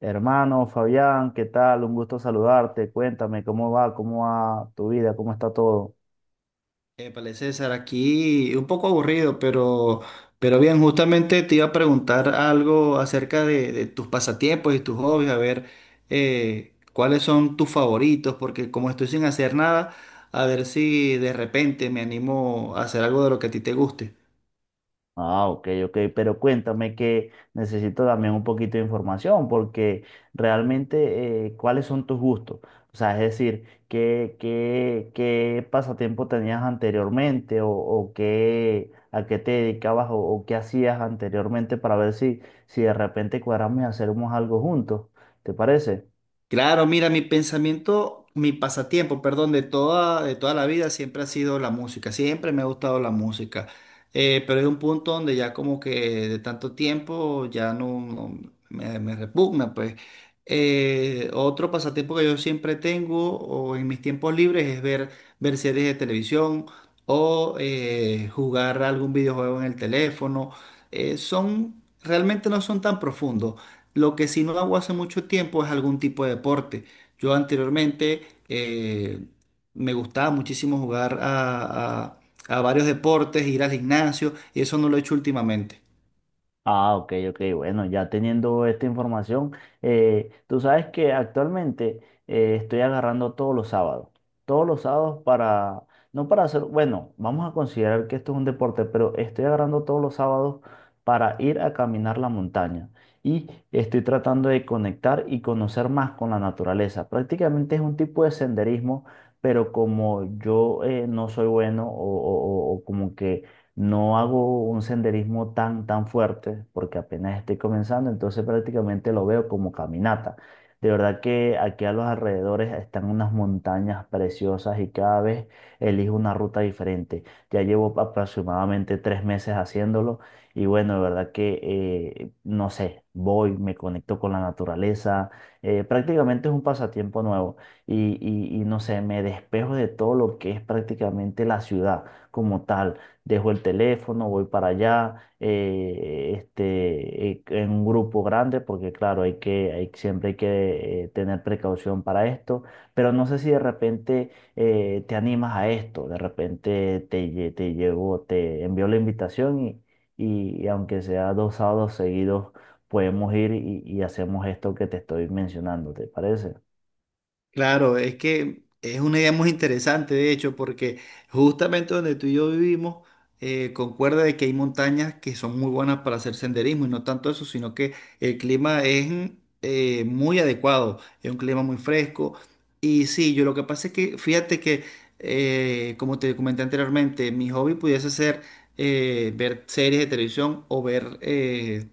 Hermano Fabián, ¿qué tal? Un gusto saludarte. Cuéntame cómo va tu vida, cómo está todo. Épale, César, aquí un poco aburrido, pero bien, justamente te iba a preguntar algo acerca de tus pasatiempos y tus hobbies, a ver cuáles son tus favoritos, porque como estoy sin hacer nada, a ver si de repente me animo a hacer algo de lo que a ti te guste. Ah, ok, ok, pero cuéntame que necesito también un poquito de información porque realmente cuáles son tus gustos. O sea, es decir, ¿qué pasatiempo tenías anteriormente o qué, a qué te dedicabas o qué hacías anteriormente para ver si de repente cuadramos y hacemos algo juntos? ¿Te parece? Claro, mira, mi pensamiento, mi pasatiempo, perdón, de toda la vida siempre ha sido la música, siempre me ha gustado la música. Pero hay un punto donde ya como que de tanto tiempo ya me, me repugna, pues. Otro pasatiempo que yo siempre tengo o en mis tiempos libres es ver series de televisión o jugar algún videojuego en el teléfono. Realmente no son tan profundos. Lo que sí no hago hace mucho tiempo es algún tipo de deporte. Yo anteriormente eh, me gustaba muchísimo a varios deportes, ir al gimnasio, y eso no lo he hecho últimamente. Ah, ok, ok, bueno, ya teniendo esta información, tú sabes que actualmente estoy agarrando todos los sábados para, no para hacer, bueno, vamos a considerar que esto es un deporte, pero estoy agarrando todos los sábados para ir a caminar la montaña y estoy tratando de conectar y conocer más con la naturaleza. Prácticamente es un tipo de senderismo, pero como yo no soy bueno o como que no hago un senderismo tan fuerte porque apenas estoy comenzando, entonces prácticamente lo veo como caminata. De verdad que aquí a los alrededores están unas montañas preciosas y cada vez elijo una ruta diferente. Ya llevo aproximadamente tres meses haciéndolo y bueno, de verdad que, no sé, voy, me conecto con la naturaleza. Prácticamente es un pasatiempo nuevo y, y no sé, me despejo de todo lo que es prácticamente la ciudad como tal. Dejo el teléfono, voy para allá, en un grupo grande, porque claro, hay que, hay, siempre hay que tener precaución para esto, pero no sé si de repente te animas a esto, de repente te llevo, te envío la invitación y aunque sea dos sábados seguidos, podemos ir y hacemos esto que te estoy mencionando, ¿te parece? Claro, es que es una idea muy interesante, de hecho, porque justamente donde tú y yo vivimos, concuerda de que hay montañas que son muy buenas para hacer senderismo y no tanto eso, sino que el clima es muy adecuado, es un clima muy fresco. Y sí, yo lo que pasa es que, fíjate que, como te comenté anteriormente, mi hobby pudiese ser ver series de televisión o ver eh,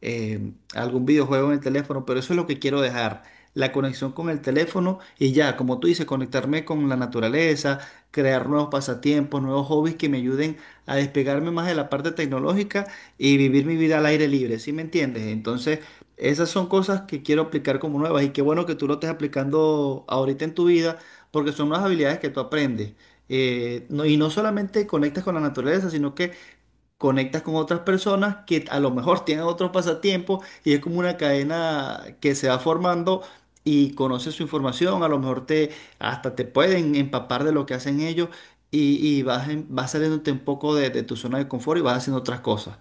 eh, algún videojuego en el teléfono, pero eso es lo que quiero dejar la conexión con el teléfono y ya, como tú dices, conectarme con la naturaleza, crear nuevos pasatiempos, nuevos hobbies que me ayuden a despegarme más de la parte tecnológica y vivir mi vida al aire libre, ¿sí me entiendes? Entonces, esas son cosas que quiero aplicar como nuevas y qué bueno que tú lo estés aplicando ahorita en tu vida porque son unas habilidades que tú aprendes. Y no solamente conectas con la naturaleza, sino que conectas con otras personas que a lo mejor tienen otros pasatiempos y es como una cadena que se va formando y conoces su información, a lo mejor te hasta te pueden empapar de lo que hacen ellos y vas saliéndote un poco de tu zona de confort y vas haciendo otras cosas.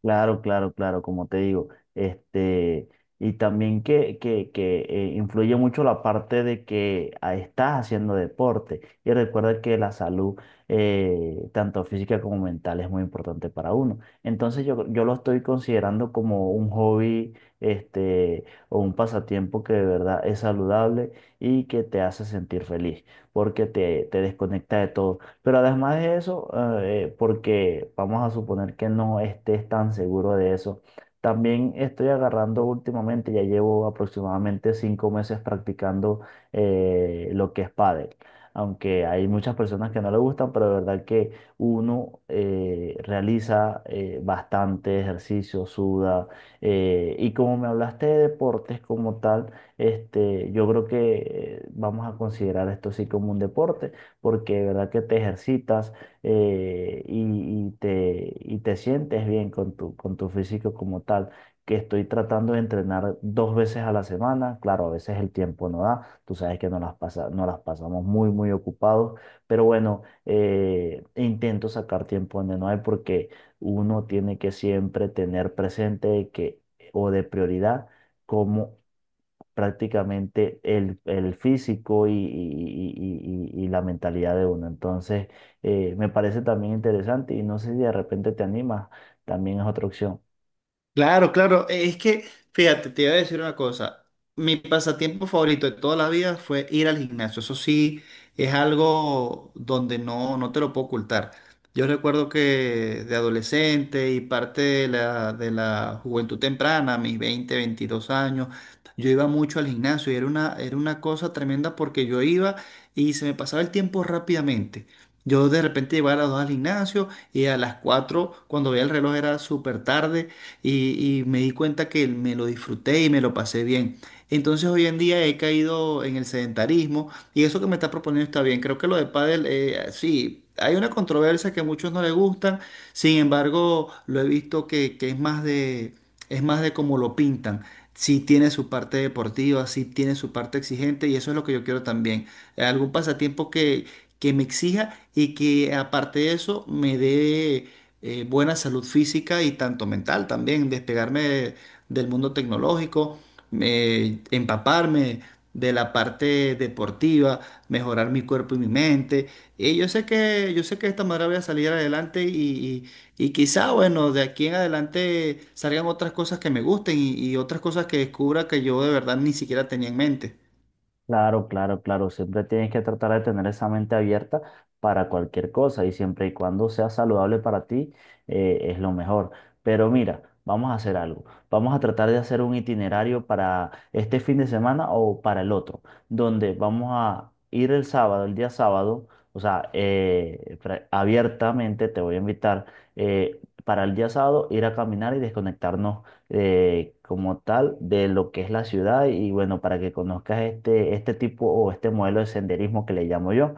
Claro, claro, claro, como te digo, este, y también que influye mucho la parte de que ah, estás haciendo deporte y recuerda que la salud, tanto física como mental, es muy importante para uno. Entonces yo lo estoy considerando como un hobby, este, o un pasatiempo que de verdad es saludable y que te hace sentir feliz, porque te desconecta de todo. Pero además de eso, porque vamos a suponer que no estés tan seguro de eso, también estoy agarrando últimamente, ya llevo aproximadamente cinco meses practicando lo que es pádel. Aunque hay muchas personas que no le gustan, pero de verdad que uno realiza bastante ejercicio, suda. Y como me hablaste de deportes como tal, este, yo creo que vamos a considerar esto sí como un deporte porque de verdad que te ejercitas eh, y, y te sientes bien con tu físico como tal. Que estoy tratando de entrenar dos veces a la semana, claro, a veces el tiempo no da, tú sabes que nos las pasa, nos las pasamos muy ocupados, pero bueno, intento sacar tiempo donde no hay porque uno tiene que siempre tener presente que, o de prioridad, cómo prácticamente el físico y, y la mentalidad de uno. Entonces, me parece también interesante y no sé si de repente te animas, también es otra opción. Claro, claro. Es que, fíjate, te iba a decir una cosa. Mi pasatiempo favorito de toda la vida fue ir al gimnasio. Eso sí, es algo donde no te lo puedo ocultar. Yo recuerdo que de adolescente y parte de la juventud temprana, mis 20, 22 años, yo iba mucho al gimnasio y era era una cosa tremenda porque yo iba y se me pasaba el tiempo rápidamente. Yo de repente llegaba a las 2 al gimnasio y a las 4 cuando veía el reloj era súper tarde y me di cuenta que me lo disfruté y me lo pasé bien. Entonces hoy en día he caído en el sedentarismo y eso que me está proponiendo está bien. Creo que lo de pádel, sí, hay una controversia que a muchos no les gustan, sin embargo lo he visto que es más es más de cómo lo pintan. Sí tiene su parte deportiva, sí tiene su parte exigente y eso es lo que yo quiero también. ¿Algún pasatiempo que me exija y que aparte de eso me dé buena salud física y tanto mental también, del mundo tecnológico, empaparme de la parte deportiva, mejorar mi cuerpo y mi mente? Y yo sé que de esta manera voy a salir adelante y quizá, bueno, de aquí en adelante salgan otras cosas que me gusten y otras cosas que descubra que yo de verdad ni siquiera tenía en mente. Claro, claro, claro. Siempre tienes que tratar de tener esa mente abierta para cualquier cosa y siempre y cuando sea saludable para ti, es lo mejor. Pero mira, vamos a hacer algo. Vamos a tratar de hacer un itinerario para este fin de semana o para el otro, donde vamos a ir el sábado, el día sábado, o sea, abiertamente te voy a invitar para el día sábado ir a caminar y desconectarnos como tal de lo que es la ciudad y bueno, para que conozcas este, este tipo o este modelo de senderismo que le llamo yo.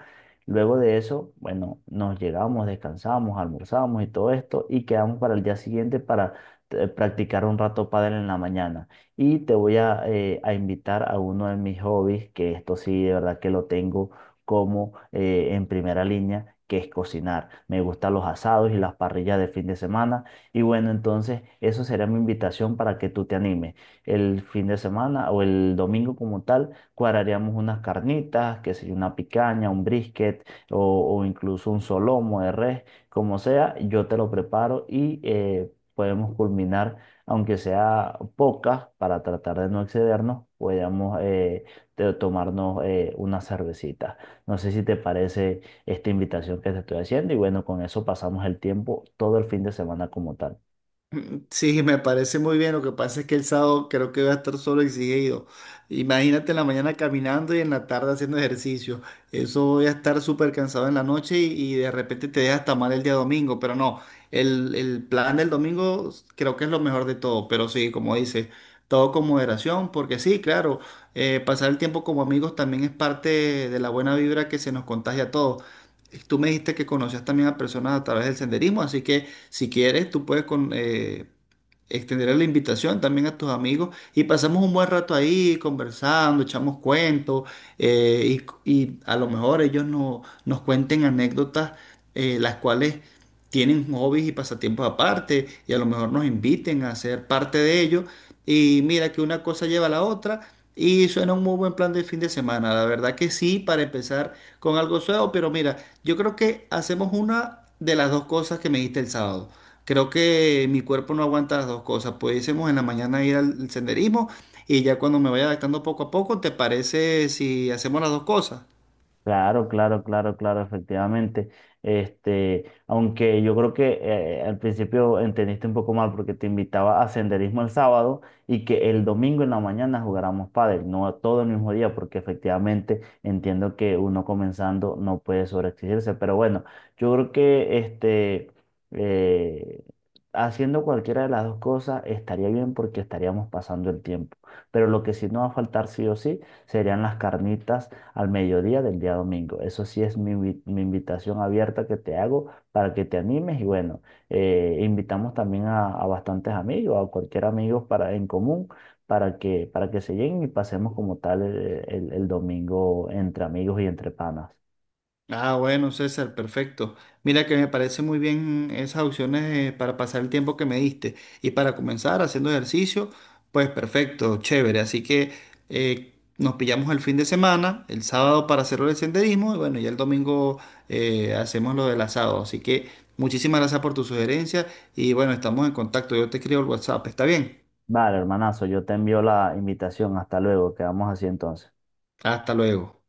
Luego de eso, bueno, nos llegamos, descansamos, almorzamos y todo esto y quedamos para el día siguiente para practicar un rato pádel en la mañana. Y te voy a invitar a uno de mis hobbies, que esto sí, de verdad que lo tengo como en primera línea, que es cocinar. Me gustan los asados y las parrillas de fin de semana. Y bueno, entonces eso será mi invitación para que tú te animes. El fin de semana o el domingo como tal, cuadraríamos unas carnitas, que sea una picaña, un brisket o incluso un solomo de res, como sea, yo te lo preparo y podemos culminar, aunque sea pocas, para tratar de no excedernos, podamos tomarnos una cervecita. No sé si te parece esta invitación que te estoy haciendo y bueno, con eso pasamos el tiempo todo el fin de semana como tal. Sí, me parece muy bien. Lo que pasa es que el sábado creo que voy a estar solo exigido. Imagínate en la mañana caminando y en la tarde haciendo ejercicio. Eso voy a estar súper cansado en la noche y de repente te deja hasta mal el día domingo. Pero no, el plan del domingo creo que es lo mejor de todo. Pero sí, como dices, todo con moderación, porque sí, claro, pasar el tiempo como amigos también es parte de la buena vibra que se nos contagia a todos. Tú me dijiste que conocías también a personas a través del senderismo, así que si quieres, tú puedes extenderé la invitación también a tus amigos y pasamos un buen rato ahí conversando, echamos cuentos eh, y a lo mejor ellos no- nos cuenten anécdotas las cuales tienen hobbies y pasatiempos aparte y a lo mejor nos inviten a ser parte de ellos y mira que una cosa lleva a la otra y suena un muy buen plan de fin de semana, la verdad que sí, para empezar con algo suave, pero mira, yo creo que hacemos una de las dos cosas que me diste el sábado. Creo que mi cuerpo no aguanta las dos cosas. Pudiésemos en la mañana ir al senderismo y ya cuando me vaya adaptando poco a poco, ¿te parece si hacemos las dos cosas? Claro, claro, claro, claro, efectivamente. Este, aunque yo creo que al principio entendiste un poco mal porque te invitaba a senderismo el sábado y que el domingo en la mañana jugáramos pádel, no todo el mismo día, porque efectivamente entiendo que uno comenzando no puede sobreexigirse. Pero bueno, yo creo que eh, haciendo cualquiera de las dos cosas estaría bien porque estaríamos pasando el tiempo. Pero lo que sí nos va a faltar sí o sí serían las carnitas al mediodía del día domingo. Eso sí es mi invitación abierta que te hago para que te animes y bueno, invitamos también a bastantes amigos, a cualquier amigo para, en común, para para que se lleguen y pasemos como tal el, el domingo entre amigos y entre panas. Ah, bueno, César, perfecto. Mira que me parece muy bien esas opciones para pasar el tiempo que me diste. Y para comenzar haciendo ejercicio, pues perfecto, chévere. Así que nos pillamos el fin de semana, el sábado para hacerlo el senderismo y bueno, ya el domingo hacemos lo del asado. Así que muchísimas gracias por tu sugerencia y bueno, estamos en contacto. Yo te escribo el WhatsApp, ¿está bien? Vale, hermanazo, yo te envío la invitación. Hasta luego, quedamos así entonces. Hasta luego.